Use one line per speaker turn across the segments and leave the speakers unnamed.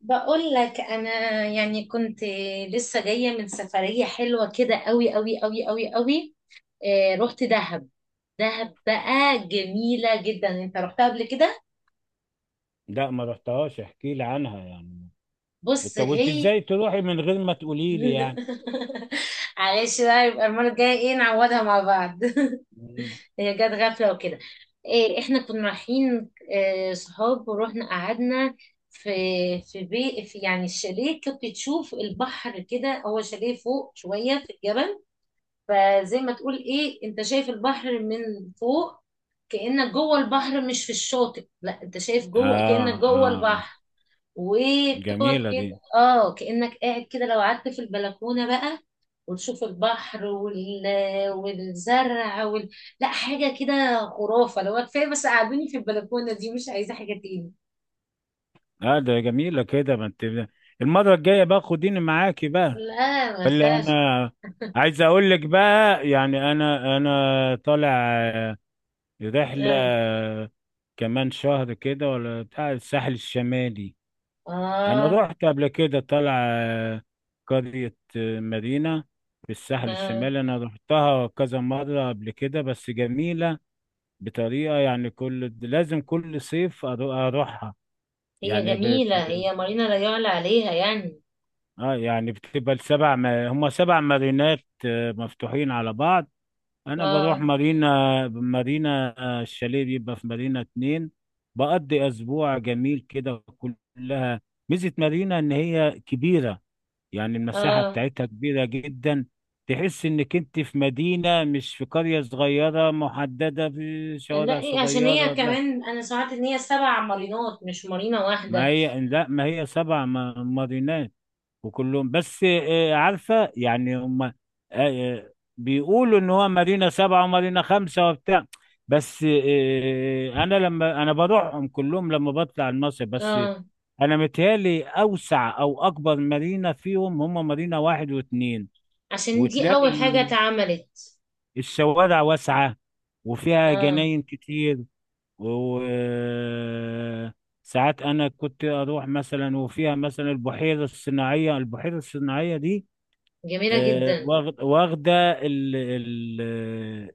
بقول لك انا كنت لسه جايه من سفريه حلوه كده قوي قوي قوي قوي قوي. آه، رحت دهب. دهب بقى جميله جدا. انت رحتها قبل كده؟
لا، ما رحتهاش. احكي لي عنها يعني.
بص،
انت
هي.
ازاي تروحي من غير ما تقولي لي يعني؟
معلش بقى، يبقى المره الجايه ايه نعوضها مع بعض.
مم.
هي جت غفله وكده. إيه، احنا كنا رايحين صحاب، ورحنا قعدنا في في بي في، يعني الشاليه كنت تشوف البحر كده، هو شاليه فوق شويه في الجبل. فزي ما تقول ايه، انت شايف البحر من فوق، كأنك جوه البحر مش في الشاطئ، لا انت شايف جوه
اه
كأنك جوه
اه.
البحر. وبتقعد
جميلة
كده
دي.
اه، كأنك قاعد كده لو قعدت في البلكونة بقى، وتشوف البحر والزرع لا، حاجة كده خرافة. لو كفاية بس قعدوني في البلكونة دي، مش عايزة حاجة تاني.
اه، ده جميلة كده ما انت. المرة الجاية بقى خديني معاكي بقى.
لا ما
اللي انا
فيهاش.
عايز اقول لك بقى، يعني انا طالع آه، رحلة
آه.
كمان شهر كده، ولا بتاع الساحل الشمالي. انا
آه.
رحت قبل كده. طالع قرية مدينة في الساحل
اه،
الشمالي. انا رحتها كذا مرة قبل كده بس جميلة بطريقة. يعني لازم كل صيف اروحها.
هي
يعني
جميلة،
ب-
هي مارينا لا يعلى عليها يعني.
اه يعني بتبقى السبع ما... هما سبع مارينات مفتوحين على بعض. انا بروح
اه،
مارينا الشاليه بيبقى في مارينا اتنين. بقضي اسبوع جميل كده كلها. ميزة مارينا ان هي كبيرة، يعني المساحة
اه،
بتاعتها كبيرة جدا. تحس انك انت في مدينة مش في قرية صغيرة محددة في
لا
شوارع
عشان هي
صغيرة، لا.
كمان انا سمعت ان هي سبع مارينات مش مارينا
ما
واحده.
هي لا، ما هي سبع مارينات. وكلهم بس عارفة يعني، هم بيقولوا ان هو مارينا سبعة ومارينا خمسة وبتاع. بس انا لما بروحهم كلهم لما بطلع المصيف بس.
اه،
انا متهيألي اوسع او اكبر مارينا فيهم هم مارينا واحد واثنين.
عشان دي اول
وتلاقي
حاجه اتعملت.
الشوارع واسعة وفيها
اه،
جناين كتير. وساعات أنا كنت أروح مثلا، وفيها مثلا البحيرة الصناعية. البحيرة الصناعية دي
جميله جدا.
واخدة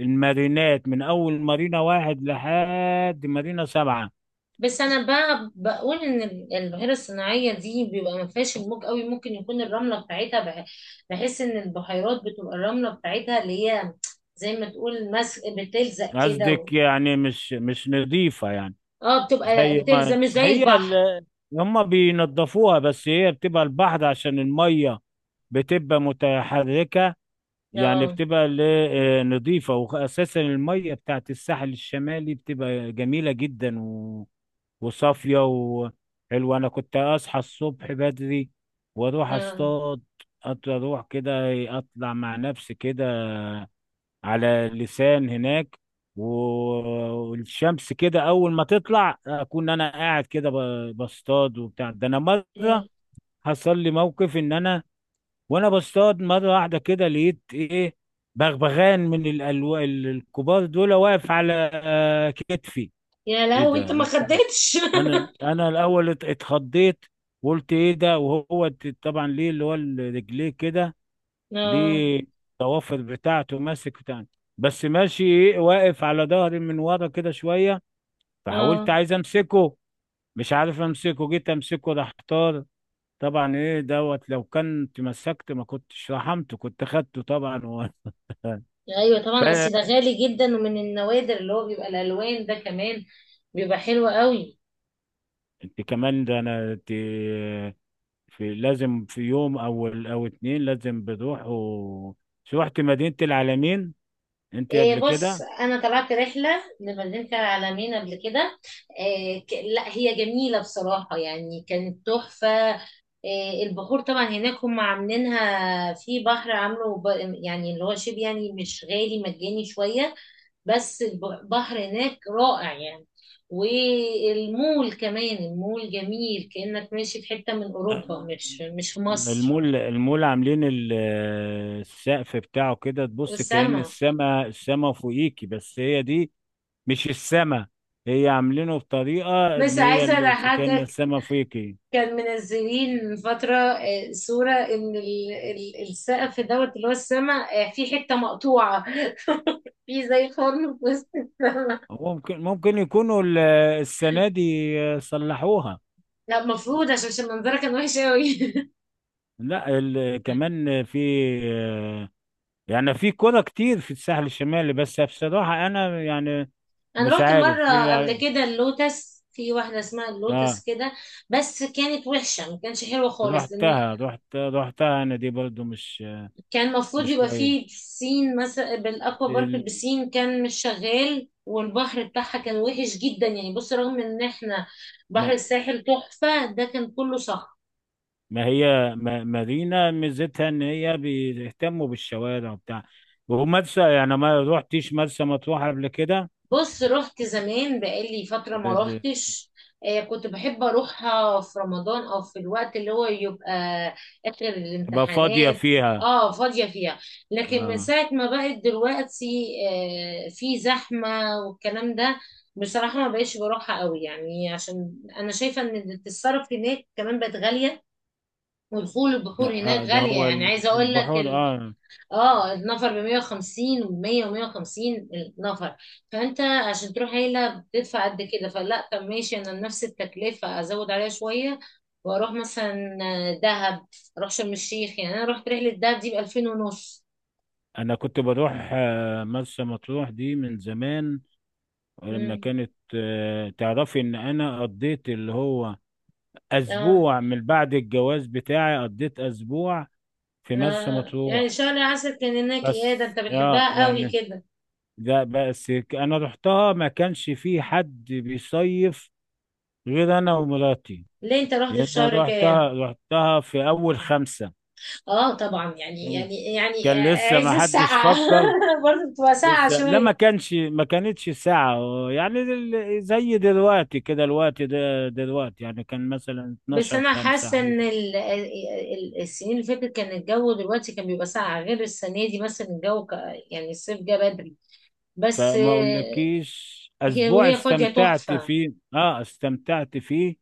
المارينات من أول مارينا واحد لحد مارينا سبعة.
بس انا بقى بقول ان البحيره الصناعيه دي بيبقى ما فيهاش الموج قوي، ممكن يكون الرمله بتاعتها بحس ان البحيرات بتبقى الرمله بتاعتها اللي هي زي ما تقول مس، بتلزق كده
قصدك يعني مش نظيفة يعني؟
اه، بتبقى
زي
بتلزق
ما
مش زي
هي
البحر.
هما بينضفوها. بس هي بتبقى البحر عشان المية بتبقى متحركة. يعني
اه،
بتبقى نظيفة، وأساسا المية بتاعت الساحل الشمالي بتبقى جميلة جدا وصافية وحلوة. أنا كنت أصحى الصبح بدري وأروح
اه،
أصطاد. أروح كده، أطلع مع نفسي كده على لسان هناك و- والشمس كده، أول ما تطلع أكون أنا قاعد كده بصطاد وبتاع. ده أنا مرة
يا
حصل لي موقف إن أنا وانا بصطاد مره واحده كده لقيت ايه، بغبغان من الكبار دول واقف على كتفي.
يا
ايه
لهوي، انت ما
ده!
خدتش؟
انا الاول اتخضيت وقلت ايه ده، وهو طبعا ليه اللي هو رجليه كده
اه،
ليه، الضوافر بتاعته ماسك بتاع. بس ماشي ايه، واقف على ظهري من ورا كده شويه.
اه،
فحاولت عايز امسكه، مش عارف امسكه، جيت امسكه راح طار. طبعا ايه دوت، لو كان تمسكت ما كنتش رحمته، كنت خدته طبعا
ايوه طبعا، اصل
فانت
ده غالي جدا ومن النوادر، اللي هو بيبقى الالوان ده كمان بيبقى حلو قوي.
كمان، ده انا انت في لازم في يوم او اتنين لازم بتروح شو، رحت مدينة العالمين انت
إيه،
قبل
بص،
كده؟
انا طلعت رحله لمدينه العلمين قبل كده. إيه لا، هي جميله بصراحه، يعني كانت تحفه. إيه، البحور طبعا هناك هم عاملينها في بحر، عامله يعني اللي هو شبه، يعني مش غالي، مجاني شويه. بس البحر هناك رائع يعني. والمول كمان، المول جميل كأنك ماشي في حتة من أوروبا، مش في مصر.
المول عاملين السقف بتاعه كده، تبص كأن
والسما.
السما فوقيكي، بس هي دي مش السما. هي عاملينه بطريقة ان
بس
هي
عايزة
كأن
أضحكك،
السما فوقيكي.
كان منزلين من فترة صورة إن السقف دوت اللي هو السما، في حتة مقطوعة، في زي خرم في وسط السما.
ممكن يكونوا السنة دي صلحوها.
لا، المفروض عشان منظرها كان وحش قوي.
لا كمان في، يعني في كرة كتير في الساحل الشمالي، بس بصراحة أنا يعني
انا
مش
رحت
عارف في.
مره قبل كده اللوتس، في واحده اسمها اللوتس
اه.
كده، بس كانت وحشه، ما كانش حلوه خالص، لان
رحتها أنا دي برضو مش
كان المفروض
مش
يبقى فيه
كويس
بسين مثلا، بالاكوا بارك،
ال-
البسين كان مش شغال، والبحر بتاعها كان وحش جدا يعني، بص رغم ان احنا بحر
ما,
الساحل تحفه، ده كان كله صخر.
ما هي ما مارينا ميزتها إن هي بيهتموا بالشوارع وبتاع. ومرسى يعني، ما رحتيش مرسى مطروح قبل كده؟
بص، رحت زمان بقالي فترة
ب-
ما
ب-
روحتش. كنت بحب أروحها في رمضان، أو في الوقت اللي هو يبقى آخر
تبقى فاضية
الامتحانات.
فيها.
اه، فاضية فيها. لكن من
آه.
ساعة ما بقت دلوقتي في زحمة والكلام ده، بصراحة ما بقيتش بروحها قوي، يعني عشان أنا شايفة إن التصرف هناك كمان بقت غالية، ودخول
لا،
البحور هناك
ده
غالية.
هو
يعني عايزة أقول لك،
البحور اه.
اه، النفر ب 150 و100 و150 النفر. فانت عشان تروح عيله بتدفع قد كده، فلا، طب ماشي، انا نفس التكلفه ازود عليها شويه واروح مثلا دهب، اروح شرم الشيخ. يعني انا رحت رحله دهب دي ب 2000 ونص.
انا كنت بروح مرسى مطروح دي من زمان. ولما
امم
كانت تعرفي ان انا قضيت اللي هو
اه.
اسبوع، من بعد الجواز بتاعي قضيت اسبوع في مرسى
آه. يعني
مطروح.
شهر عسل كان هناك؟ ايه ده،
بس
انت
اه
بتحبها قوي
يعني،
كده؟
ده بس انا رحتها ما كانش في حد بيصيف غير انا ومراتي.
ليه، انت رحت في
لان أنا
شهر
رحتها
كام؟
رحتها في اول خمسة.
اه طبعا، يعني
كان لسه ما
عز
حدش
السقعه.
فكر.
برضه بتبقى ساقعه
لسه لا، ما
شويه.
كانش، ما كانتش ساعة. يعني زي دلوقتي كده، الوقت ده دلوقتي يعني كان مثلا
بس
12
انا
خمسة
حاسه
حاجة
ان السنين اللي فاتت كان الجو دلوقتي كان بيبقى ساقع، غير السنه دي مثلا الجو يعني الصيف جه بدري. بس
فما اقولكيش،
هي
اسبوع
وهي فاضيه
استمتعت
تحفه.
فيه، اه استمتعت فيه.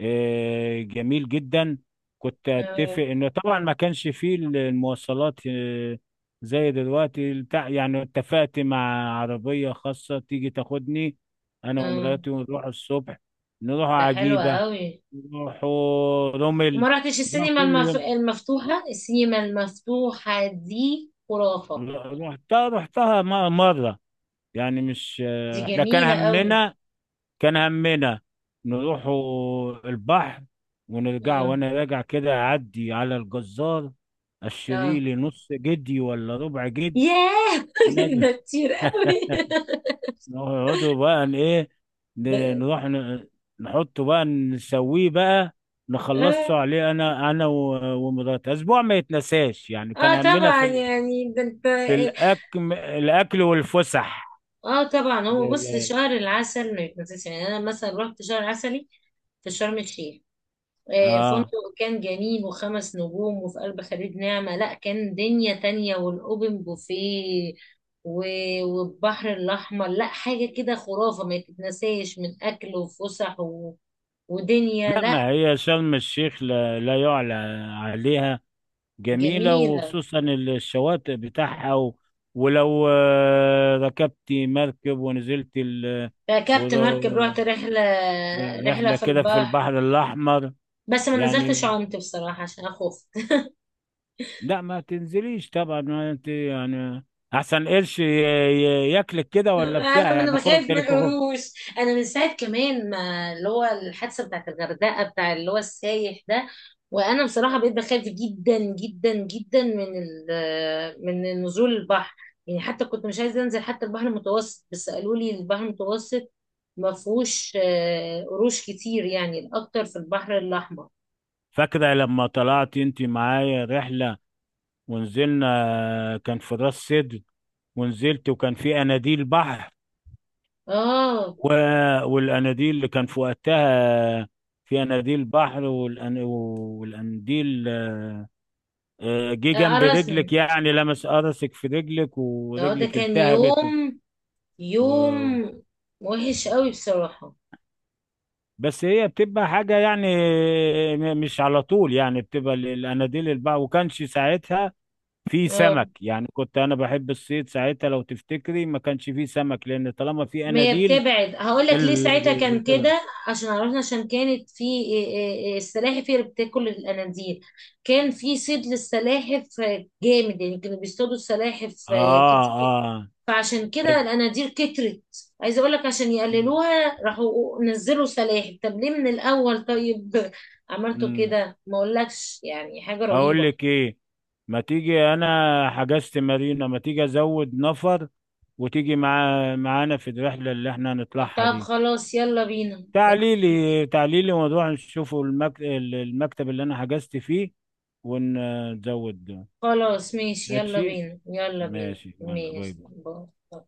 آه جميل جدا. كنت
آه،
اتفق انه طبعا ما كانش فيه المواصلات آه، زي دلوقتي بتاع. يعني اتفقت مع عربية خاصة تيجي تاخدني، انا
آه،
ومراتي، ونروح الصبح. نروح
ده حلو
عجيبة،
قوي.
راحوا رمل،
وما رحتش
راح
السينما
كل يوم.
المفتوحه؟ السينما المفتوحه دي خرافه،
رحتها مرة يعني، مش
دي
احنا كان
جميله قوي.
همنا كان همنا نروحوا البحر، ونرجع
اه،
وانا راجع كده اعدي على الجزار
اه،
اشتري لي نص جدي ولا ربع جدي،
ياه،
ونرجع.
ده كتير قوي.
نقعدوا بقى ايه
ده-
نروح نحطه بقى نسويه بقى نخلصه
اه،
عليه، انا ومراتي. اسبوع ما يتنساش يعني، كان
اه
همنا
طبعا،
في
يعني ده انت.
في الأكل والفسح.
اه طبعا،
ل-
هو بص شهر
ل-
العسل ما يتنسيش يعني. انا مثلا رحت شهر عسلي في شرم الشيخ،
آه
فندق كان جميل، وخمس نجوم، وفي قلب خليج نعمة، لا كان دنيا تانية، والاوبن بوفيه والبحر الاحمر، لا حاجة كده خرافة، ما يتنساش من اكل وفسح ودنيا،
لا
لا
ما هي شرم الشيخ لا, لا يعلى عليها. جميلة
جميلة.
وخصوصا الشواطئ بتاعها ولو ركبت مركب ونزلت
ركبت مركب، رحت
ور-
رحلة، رحلة
رحلة
في
كده في
البحر،
البحر الأحمر.
بس ما نزلتش
يعني
عمت بصراحة عشان اخوف.
لا ما تنزليش طبعا، ما انت يعني أحسن قرش ياكلك كده ولا
انا
بتاع
من
يعني، خد
بخاف من
تلك خد.
القروش، انا من ساعه كمان ما اللي هو الحادثه بتاعت الغردقه بتاع اللي هو السايح ده، وانا بصراحه بقيت بخاف جدا جدا جدا من من نزول البحر. يعني حتى كنت مش عايزه انزل حتى البحر المتوسط، بس قالوا لي البحر المتوسط ما فيهوش قروش كتير، يعني الاكتر في البحر الاحمر.
فاكرة لما طلعت انت معايا رحلة، ونزلنا كان في راس سدر، ونزلت وكان في اناديل بحر
اه،
و... والاناديل اللي كان في وقتها في اناديل بحر والانديل جه جنب رجلك
قرصني.
يعني لمس قرصك في رجلك
اه، ده
ورجلك
كان
التهبت
يوم،
و...
يوم وحش قوي بصراحه.
بس هي بتبقى حاجة يعني، مش على طول. يعني بتبقى الاناديل البحر، وكانش ساعتها في
آه.
سمك. يعني كنت انا بحب الصيد ساعتها، لو تفتكري ما كانش فيه سمك لان طالما في
ما هي
اناديل
بتبعد، هقول لك ليه ساعتها
اللي
كان
بتبقى.
كده، عشان عرفنا، عشان كانت في إيه- إيه- إيه، السلاحف هي اللي بتاكل الاناديل. كان في صيد للسلاحف جامد، يعني كانوا بيصطادوا السلاحف
اه
كتير،
اه.
فعشان كده
طيب.
الاناديل كترت. عايزه اقول لك، عشان
مم.
يقللوها راحوا نزلوا سلاحف، طب ليه من الاول طيب؟ عملتوا
مم.
كده، ما اقولكش يعني حاجه
اقول
رهيبه.
لك ايه؟ ما تيجي، انا حجزت مارينا، ما تيجي ازود نفر وتيجي معانا في الرحله اللي احنا هنطلعها
طب
دي.
خلاص، يلا بينا.
تعليلي تعليلي، ونروح نشوفوا المكتب اللي انا حجزت فيه ونزود ده.
خلاص ماشي، يلا
ماشي.
بينا، يلا بينا.
ماشي، يلا، باي
ماشي،
باي.
باي.